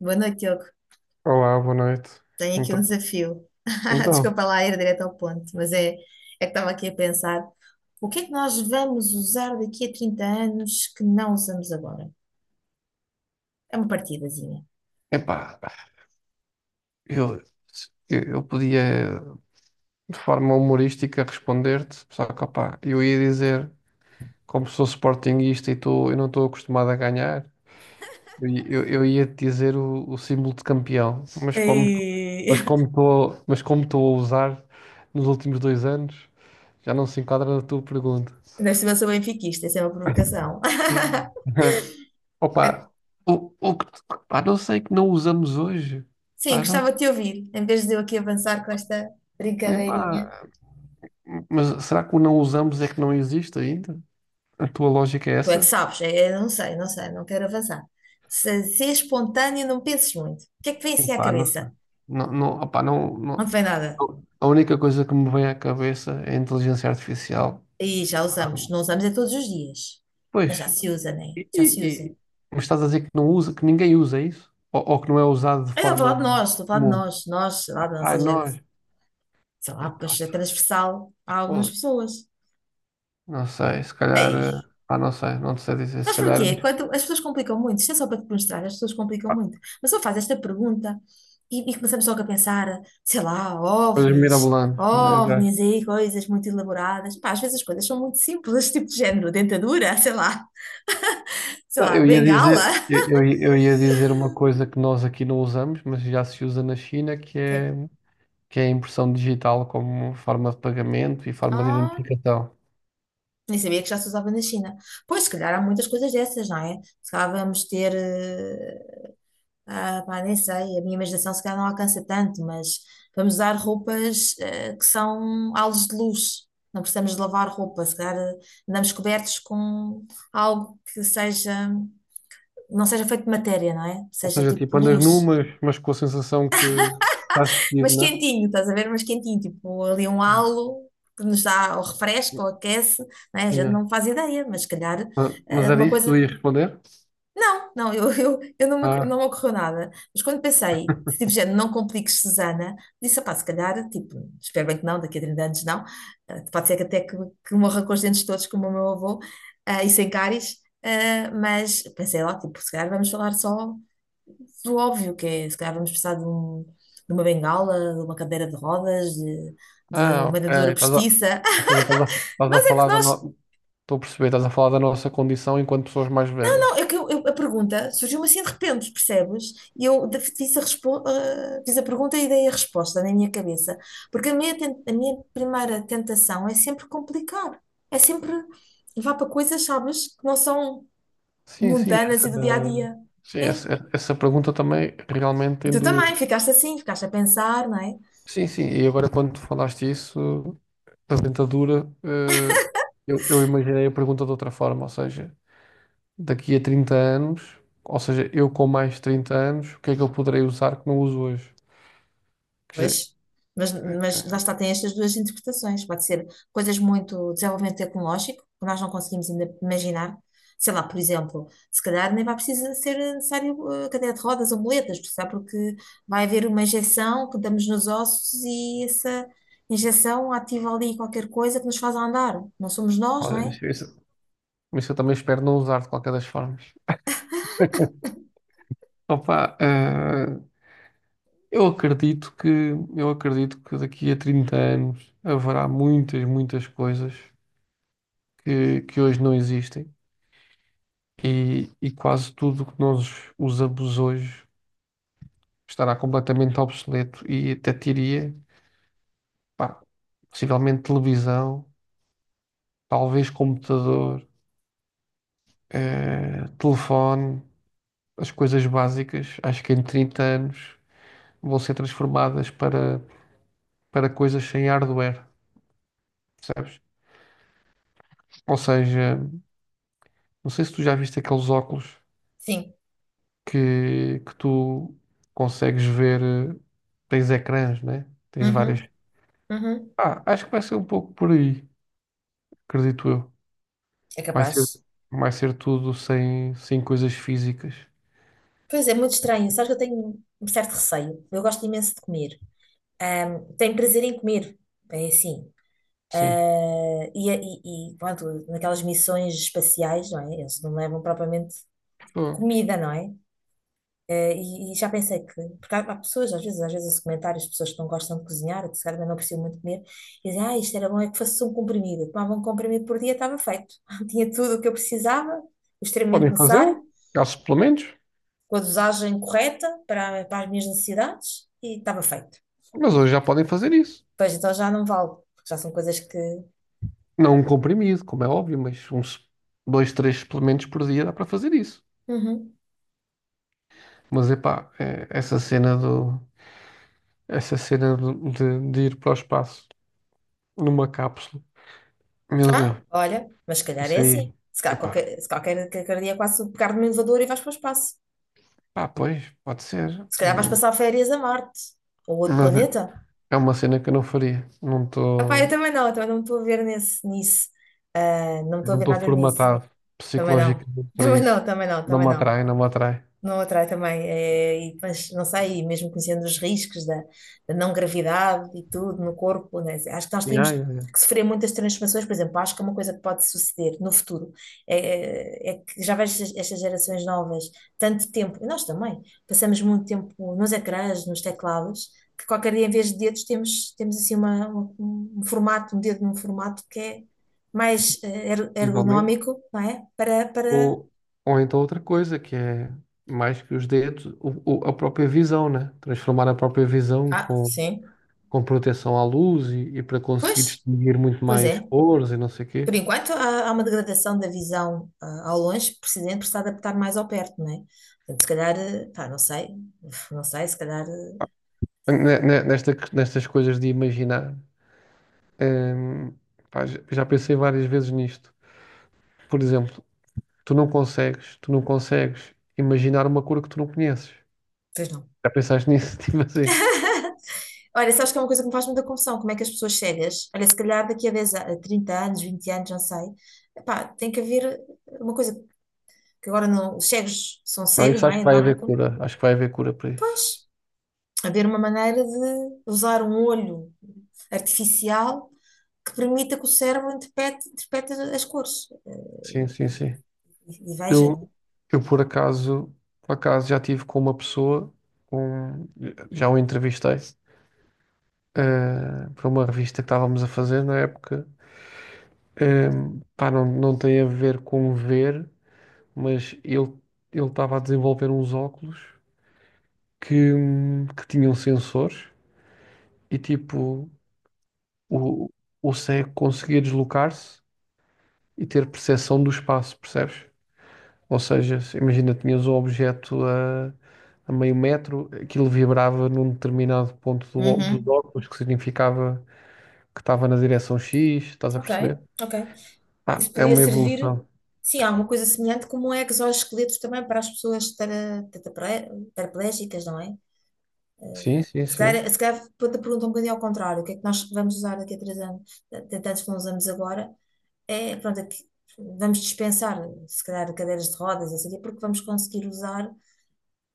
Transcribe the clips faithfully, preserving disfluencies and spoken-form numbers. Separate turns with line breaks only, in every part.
Boa noite, Diogo.
Olá, boa noite.
Tenho aqui um
Então,
desafio.
então,
Desculpa lá ir direto ao ponto, mas é, é que estava aqui a pensar: o que é que nós vamos usar daqui a trinta anos que não usamos agora? É uma partidazinha.
Epá, eu, eu eu podia de forma humorística responder-te, só que opá, eu ia dizer, como sou sportinguista e tu, eu não estou acostumado a ganhar, eu, eu, eu ia te dizer o, o símbolo de campeão, mas como tu-
Ei,
mas como estou mas como estou a usar nos últimos dois anos, já não se enquadra na tua pergunta.
ainda por cima sou benfiquista, isso é uma provocação.
Opa, o, o que, pá, não sei que não usamos hoje.
Sim,
Pá, não.
gostava de te ouvir, em vez de eu aqui avançar com esta
Epá,
brincadeirinha.
mas será que o não usamos é que não existe ainda? A tua lógica é
Tu é que
essa?
sabes, é- eu não sei, não sei, não quero avançar. Se, se é espontâneo, não penses muito. O que é que vem assim à
Opá, não sei.
cabeça?
Não, não, opá, não,
Não te
não.
vem nada.
A única coisa que me vem à cabeça é a inteligência artificial.
E já usamos. Não usamos é todos os dias. Mas
Pois,
já se usa, né?
e,
Já se
e-
usa.
e- mas estás a dizer que não usa, que ninguém usa é isso? Ou, ou que não é usado de
Eu estou a falar
forma
de nós, estou a falar de
comum?
nós, nós, sei lá, da
Ai,
nossa
nós,
geração. Sei lá,
epá,
pois é transversal a algumas
pô,
pessoas.
não sei, se calhar, eh,
Ei,
pá, não sei, não te sei dizer, se
sabes
calhar,
porquê? Quando as pessoas complicam muito, isto é só para te mostrar, as pessoas complicam muito. Mas só faz esta pergunta e, e começamos logo a pensar, sei lá,
coisas
ovnis,
mirabolantes, né?
ovnis aí, coisas muito elaboradas. Pá, às vezes as coisas são muito simples, tipo de género, dentadura, sei lá, sei
Não,
lá,
eu ia
bengala.
dizer, eu, eu ia eu ia dizer uma coisa que nós aqui não usamos, mas já se usa na China, que
Ok.
é, que é a impressão digital como forma de pagamento e forma de
Ah.
identificação.
Nem sabia que já se usava na China. Pois, se calhar há muitas coisas dessas, não é? Se calhar vamos ter. eh, ah, pá, nem sei, a minha imaginação se calhar não alcança tanto, mas vamos usar roupas eh, que são halos de luz. Não precisamos de lavar roupa, se calhar, eh, andamos cobertos com algo que seja. Não seja feito de matéria, não é?
Ou
Seja
seja,
tipo
tipo, andas nu,
luz.
mas, mas com a sensação que estás vestido,
Mas
né?
quentinho, estás a ver? Mas quentinho, tipo ali um halo que nos dá ou refresca ou aquece, não é? A gente
Yeah.
não faz ideia, mas se calhar
Ma- Mas
eh,
era
uma
isso que tu
coisa.
ias responder?
Não, não, eu, eu, eu não, me,
Ah,
não me ocorreu nada. Mas quando pensei, tipo, gente, não compliques, Susana, disse, pá, se calhar, tipo, espero bem que não, daqui a trinta anos não. Eh, pode ser que até que, que morra com os dentes todos, como o meu avô, eh, e sem cáries. Eh, mas pensei lá, tipo, se calhar vamos falar só do óbvio, que é, se calhar vamos precisar de, um- de uma bengala, de uma cadeira de rodas, de, de
ah,
uma
ok.
dentadura
Estás a,
postiça.
ou seja, estás a, estás a
Nós é que
falar da
nós,
no... Estou a perceber, estás a falar da nossa condição enquanto pessoas mais velhas.
é que eu- eu- a pergunta surgiu-me assim de repente, percebes? E eu de- fiz a, respo- ah, fiz a pergunta e dei a resposta na minha cabeça. Porque a minha, ten- a minha primeira tentação é sempre complicar, é sempre levar para coisas, sabes, que não são
Sim, sim,
mundanas
essa,
e do dia a dia.
sim,
É.
essa, essa pergunta também realmente
E
tem
tu
duas.
também ficaste assim, ficaste a pensar, não é?
Sim, sim, e agora quando tu falaste isso, da dentadura, eh, eu, eu imaginei a pergunta de outra forma, ou seja, daqui a trinta anos, ou seja, eu com mais de trinta anos, o que é que eu poderei usar que não uso hoje? Que já,
Pois, mas, mas lá está, tem estas duas interpretações. Pode ser coisas muito desenvolvimento tecnológico, que nós não conseguimos ainda imaginar. Sei lá, por exemplo, se calhar nem vai precisar ser necessário, eh, cadeira de rodas ou muletas, por porque vai haver uma injeção que damos nos ossos e essa injeção ativa ali qualquer coisa que nos faz andar. Não somos nós, não
olha,
é?
isso, isso- mas eu também espero não usar de qualquer das formas. Opa, eh, eu acredito que eu acredito que daqui a trinta anos haverá muitas, muitas coisas que, que hoje não existem e, e quase tudo o que nós usamos hoje estará completamente obsoleto e até diria, pá, possivelmente televisão, talvez computador, eh, telefone, as coisas básicas, acho que em trinta anos vão ser transformadas para, para coisas sem hardware, percebes? Ou seja, não sei se tu já viste aqueles óculos
Sim.
que, que tu consegues ver, eh, tens ecrãs, né? Tens várias
Uhum, uhum.
Ah, acho que vai ser um pouco por aí, acredito eu.
É
Vai ser,
capaz.
vai ser tudo sem, sem coisas físicas.
Pois é, muito estranho. Sabes que eu tenho um certo receio. Eu gosto imenso de comer. Tenho prazer em comer. É assim.
Sim.
Eh, e, é, e, e, pronto, naquelas missões espaciais, não é? Eles não levam propriamente
Pô,
comida, não é? Eh, e, e já pensei que, porque há, há pessoas, às vezes, às vezes esse comentários pessoas que não gostam de cozinhar, que se calhar também não precisam muito comer, e dizem, ah, isto era bom, é que fosse um comprimido. Eu tomava um comprimido por dia, estava feito. Tinha tudo o que eu precisava, o extremamente
podem
necessário,
fazê-lo, há suplementos,
com a dosagem correta para, para as minhas necessidades, e estava feito.
mas hoje já podem fazer isso.
Pois então já não vale, porque já são coisas que.
Não um comprimido, como é óbvio, mas uns dois, três suplementos por dia dá para fazer isso.
Uhum.
Mas epá, é, essa cena do, essa cena do- de, de ir para o espaço numa cápsula, meu
Ah,
Deus,
olha, mas se calhar é
isso
assim.
aí,
Se calhar
epá,
qualquer, se qualquer, qualquer dia quase um pegar no elevador e vais para o espaço.
pá, pois, pode ser.
Se calhar vais
Hum,
passar férias a Marte ou outro
Mas
planeta.
é uma cena que eu não faria. Não
Ah, pá, eu
estou.
também não, eu também não me estou a ver nesse, nisso. Ah, não me estou a
Não
ver
estou
nada nisso.
formatado
Também não.
psicologicamente para
Também
isso.
não, também não,
Não
também
me
não.
atrai, não me atrai.
Não atrai também, é, e, mas não sei, mesmo conhecendo os riscos da, da não gravidade e tudo no corpo, né? Assim, acho que nós
Yeah,
tínhamos
yeah, yeah.
que sofrer muitas transformações, por exemplo, acho que é uma coisa que pode suceder no futuro, é, é é que já vejo estas estas gerações novas tanto tempo, e nós também, passamos muito tempo nos ecrãs, nos teclados, que qualquer dia em vez de dedos temos, temos assim uma, uma- um formato, um dedo num formato que é mais, eh, er-
Possivelmente.
ergonómico, não é? Para, para...
Ou, ou então outra coisa, que é mais que os dedos, o, o- a própria visão, né? Transformar a própria visão
Ah,
com,
sim.
com proteção à luz e, e para conseguir
Pois,
distinguir muito
pois
mais
é.
cores e não sei o quê.
Por enquanto, há, há uma degradação da visão, ah, ao longe, precisando por se adaptar mais ao perto, não é? Portanto, se calhar, eh, pá, não sei, não sei, se calhar, eh,
Ne- ne- Nesta, nestas coisas de imaginar, hum, pá, já já pensei várias vezes nisto. Por exemplo, tu não consegues, tu não consegues imaginar uma cor que tu não conheces.
pois não.
Já pensaste nisso? Tipo assim.
Olha, sabes que é uma coisa que me faz muita confusão, como é que as pessoas cegas, olha, se calhar daqui a dez, a- a trinta anos, vinte anos, não sei, epá, tem que haver, eh, uma coisa que agora não, os cegos são
Não,
cegos,
isso
não
acho que
é? Não
vai
há,
haver cura. Acho que vai haver cura para isso.
pois, haver uma maneira de usar um olho artificial que permita que o cérebro interprete, interprete as cores.
Sim, sim, sim.
E, e veja,
Eu,
não
eu por acaso, por acaso já tive com uma pessoa, com, já o entrevistei, eh, para uma revista que estávamos a fazer na época. Eh, Pá, não, não tem a ver com ver, mas ele ele estava a desenvolver uns óculos que, hum, que tinham sensores e tipo o, o cego conseguia deslocar-se e ter percepção do espaço, percebes? Ou seja, se- imagina, tinhas um objeto a, a meio metro, aquilo vibrava num determinado ponto
é?
do, ó- dos
Uhum.
óculos, que significava que estava na direção X, estás a
Ok,
perceber?
ok.
Ah,
Isso
é
podia
uma
servir,
evolução.
sim, alguma coisa semelhante como exoesqueletos também para as pessoas tara- tetrapre- paraplégicas, não é? Eh,
Sim, sim,
Se
sim.
calhar, se calhar quando a pergunta é um bocadinho ao contrário, o que é que nós vamos usar daqui a três anos, tantos que não usamos agora, é, pronto, é que vamos dispensar, se calhar, cadeiras de rodas, assim, porque vamos conseguir usar,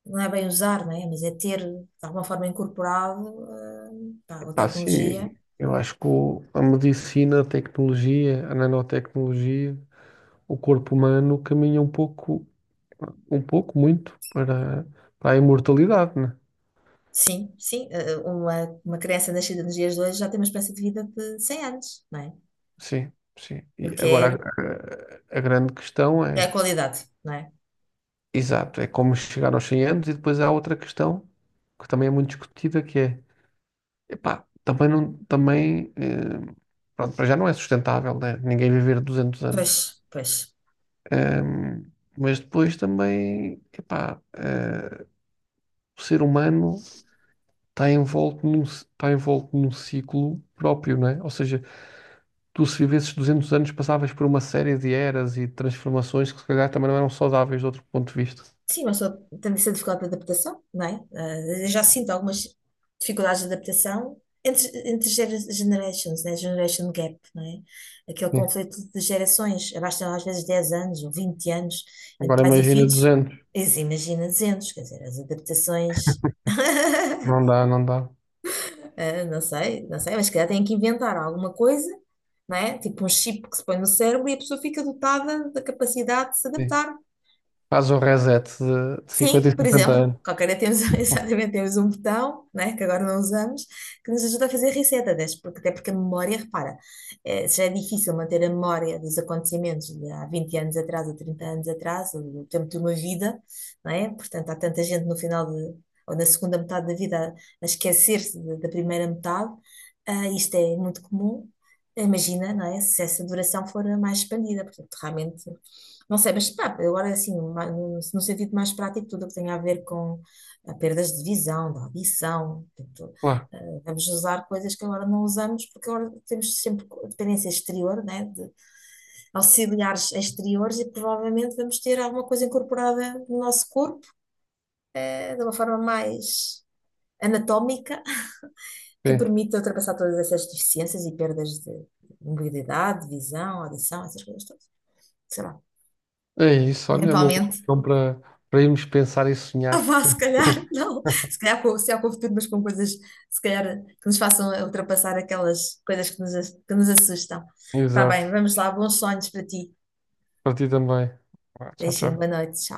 não é bem usar, não é? Mas é ter, de alguma forma, incorporado, eh, pá, a
Ah, sim,
tecnologia.
eu acho que o- a medicina, a tecnologia, a nanotecnologia, o corpo humano caminha um pouco, um pouco muito para, para a imortalidade, né?
Sim, sim, eh, eh, uma, uma criança nascida nos dias de hoje já tem uma espécie de vida de cem anos, não é?
Sim, sim.
O
E
que
agora
é,
a, a- a grande questão
é a
é.
qualidade, não é?
Exato, é como chegar aos cem anos e depois há outra questão que também é muito discutida que é, epá, também não, também, eh, pronto, para já não é sustentável, né? Ninguém viver duzentos anos.
Pois, pois.
Ehm, mas depois também, epá, eh, o ser humano está envolto num, ci- está envolto num ciclo próprio, não é? Ou seja, tu se vivesses duzentos anos passavas por uma série de eras e transformações que se calhar também não eram saudáveis de outro ponto de vista.
Sim, mas só tem essa dificuldade de adaptação, não é? Eh, Eu já sinto algumas dificuldades de adaptação entre, entre gera- generations, né? Generation gap, não é? Aquele
Sim.
conflito de gerações, abastam às vezes dez anos ou vinte anos entre
Agora
pais e
imagina
filhos,
duzentos,
eles imagina duzentos, quer dizer, as adaptações.
não dá, não dá.
Ah, não sei, não sei, mas se calhar têm que inventar alguma coisa, não é? Tipo um chip que se põe no cérebro e a pessoa fica dotada da capacidade de se
Sim.
adaptar.
Faz o reset de, de cinquenta e
Sim, por
cinquenta
exemplo,
anos.
qualquer dia temos exatamente temos um botão, né, que agora não usamos, que nos ajuda a fazer reset, até porque, até porque a memória, repara, eh, se já é difícil manter a memória dos acontecimentos de há vinte anos atrás, ou trinta anos atrás, ou do tempo de uma vida, não é? Portanto, há tanta gente no final de, ou na segunda metade da vida a a esquecer-se de- da primeira metade, ah, isto é muito comum. Imagina, não é? Se essa duração for a mais expandida, portanto, realmente. Não sei, mas pá, agora assim, ma- no no sentido mais prático, tudo o que tem a ver com, ah, perdas de visão, de audição, portanto,
Claro,
ah, vamos usar coisas que agora não usamos, porque agora temos sempre co- dependência exterior, né, de auxiliares exteriores, e provavelmente vamos ter alguma coisa incorporada no nosso corpo, eh, de uma forma mais anatómica, que
sim.
permita ultrapassar todas essas deficiências e perdas de mobilidade, visão, audição, essas coisas todas. Sei lá,
É isso, olha, é uma boa
eventualmente.
opção para, para irmos pensar e
Ah,
sonhar.
vá, se calhar, não. Se calhar, com, se calhar com o futuro, mas com coisas, se calhar, que nos façam ultrapassar aquelas coisas que nos, que nos assustam. Tá bem,
Exato.
vamos lá. Bons sonhos para ti.
Para ti também. Vá, tchau,
Beijinho, boa
tchau.
noite.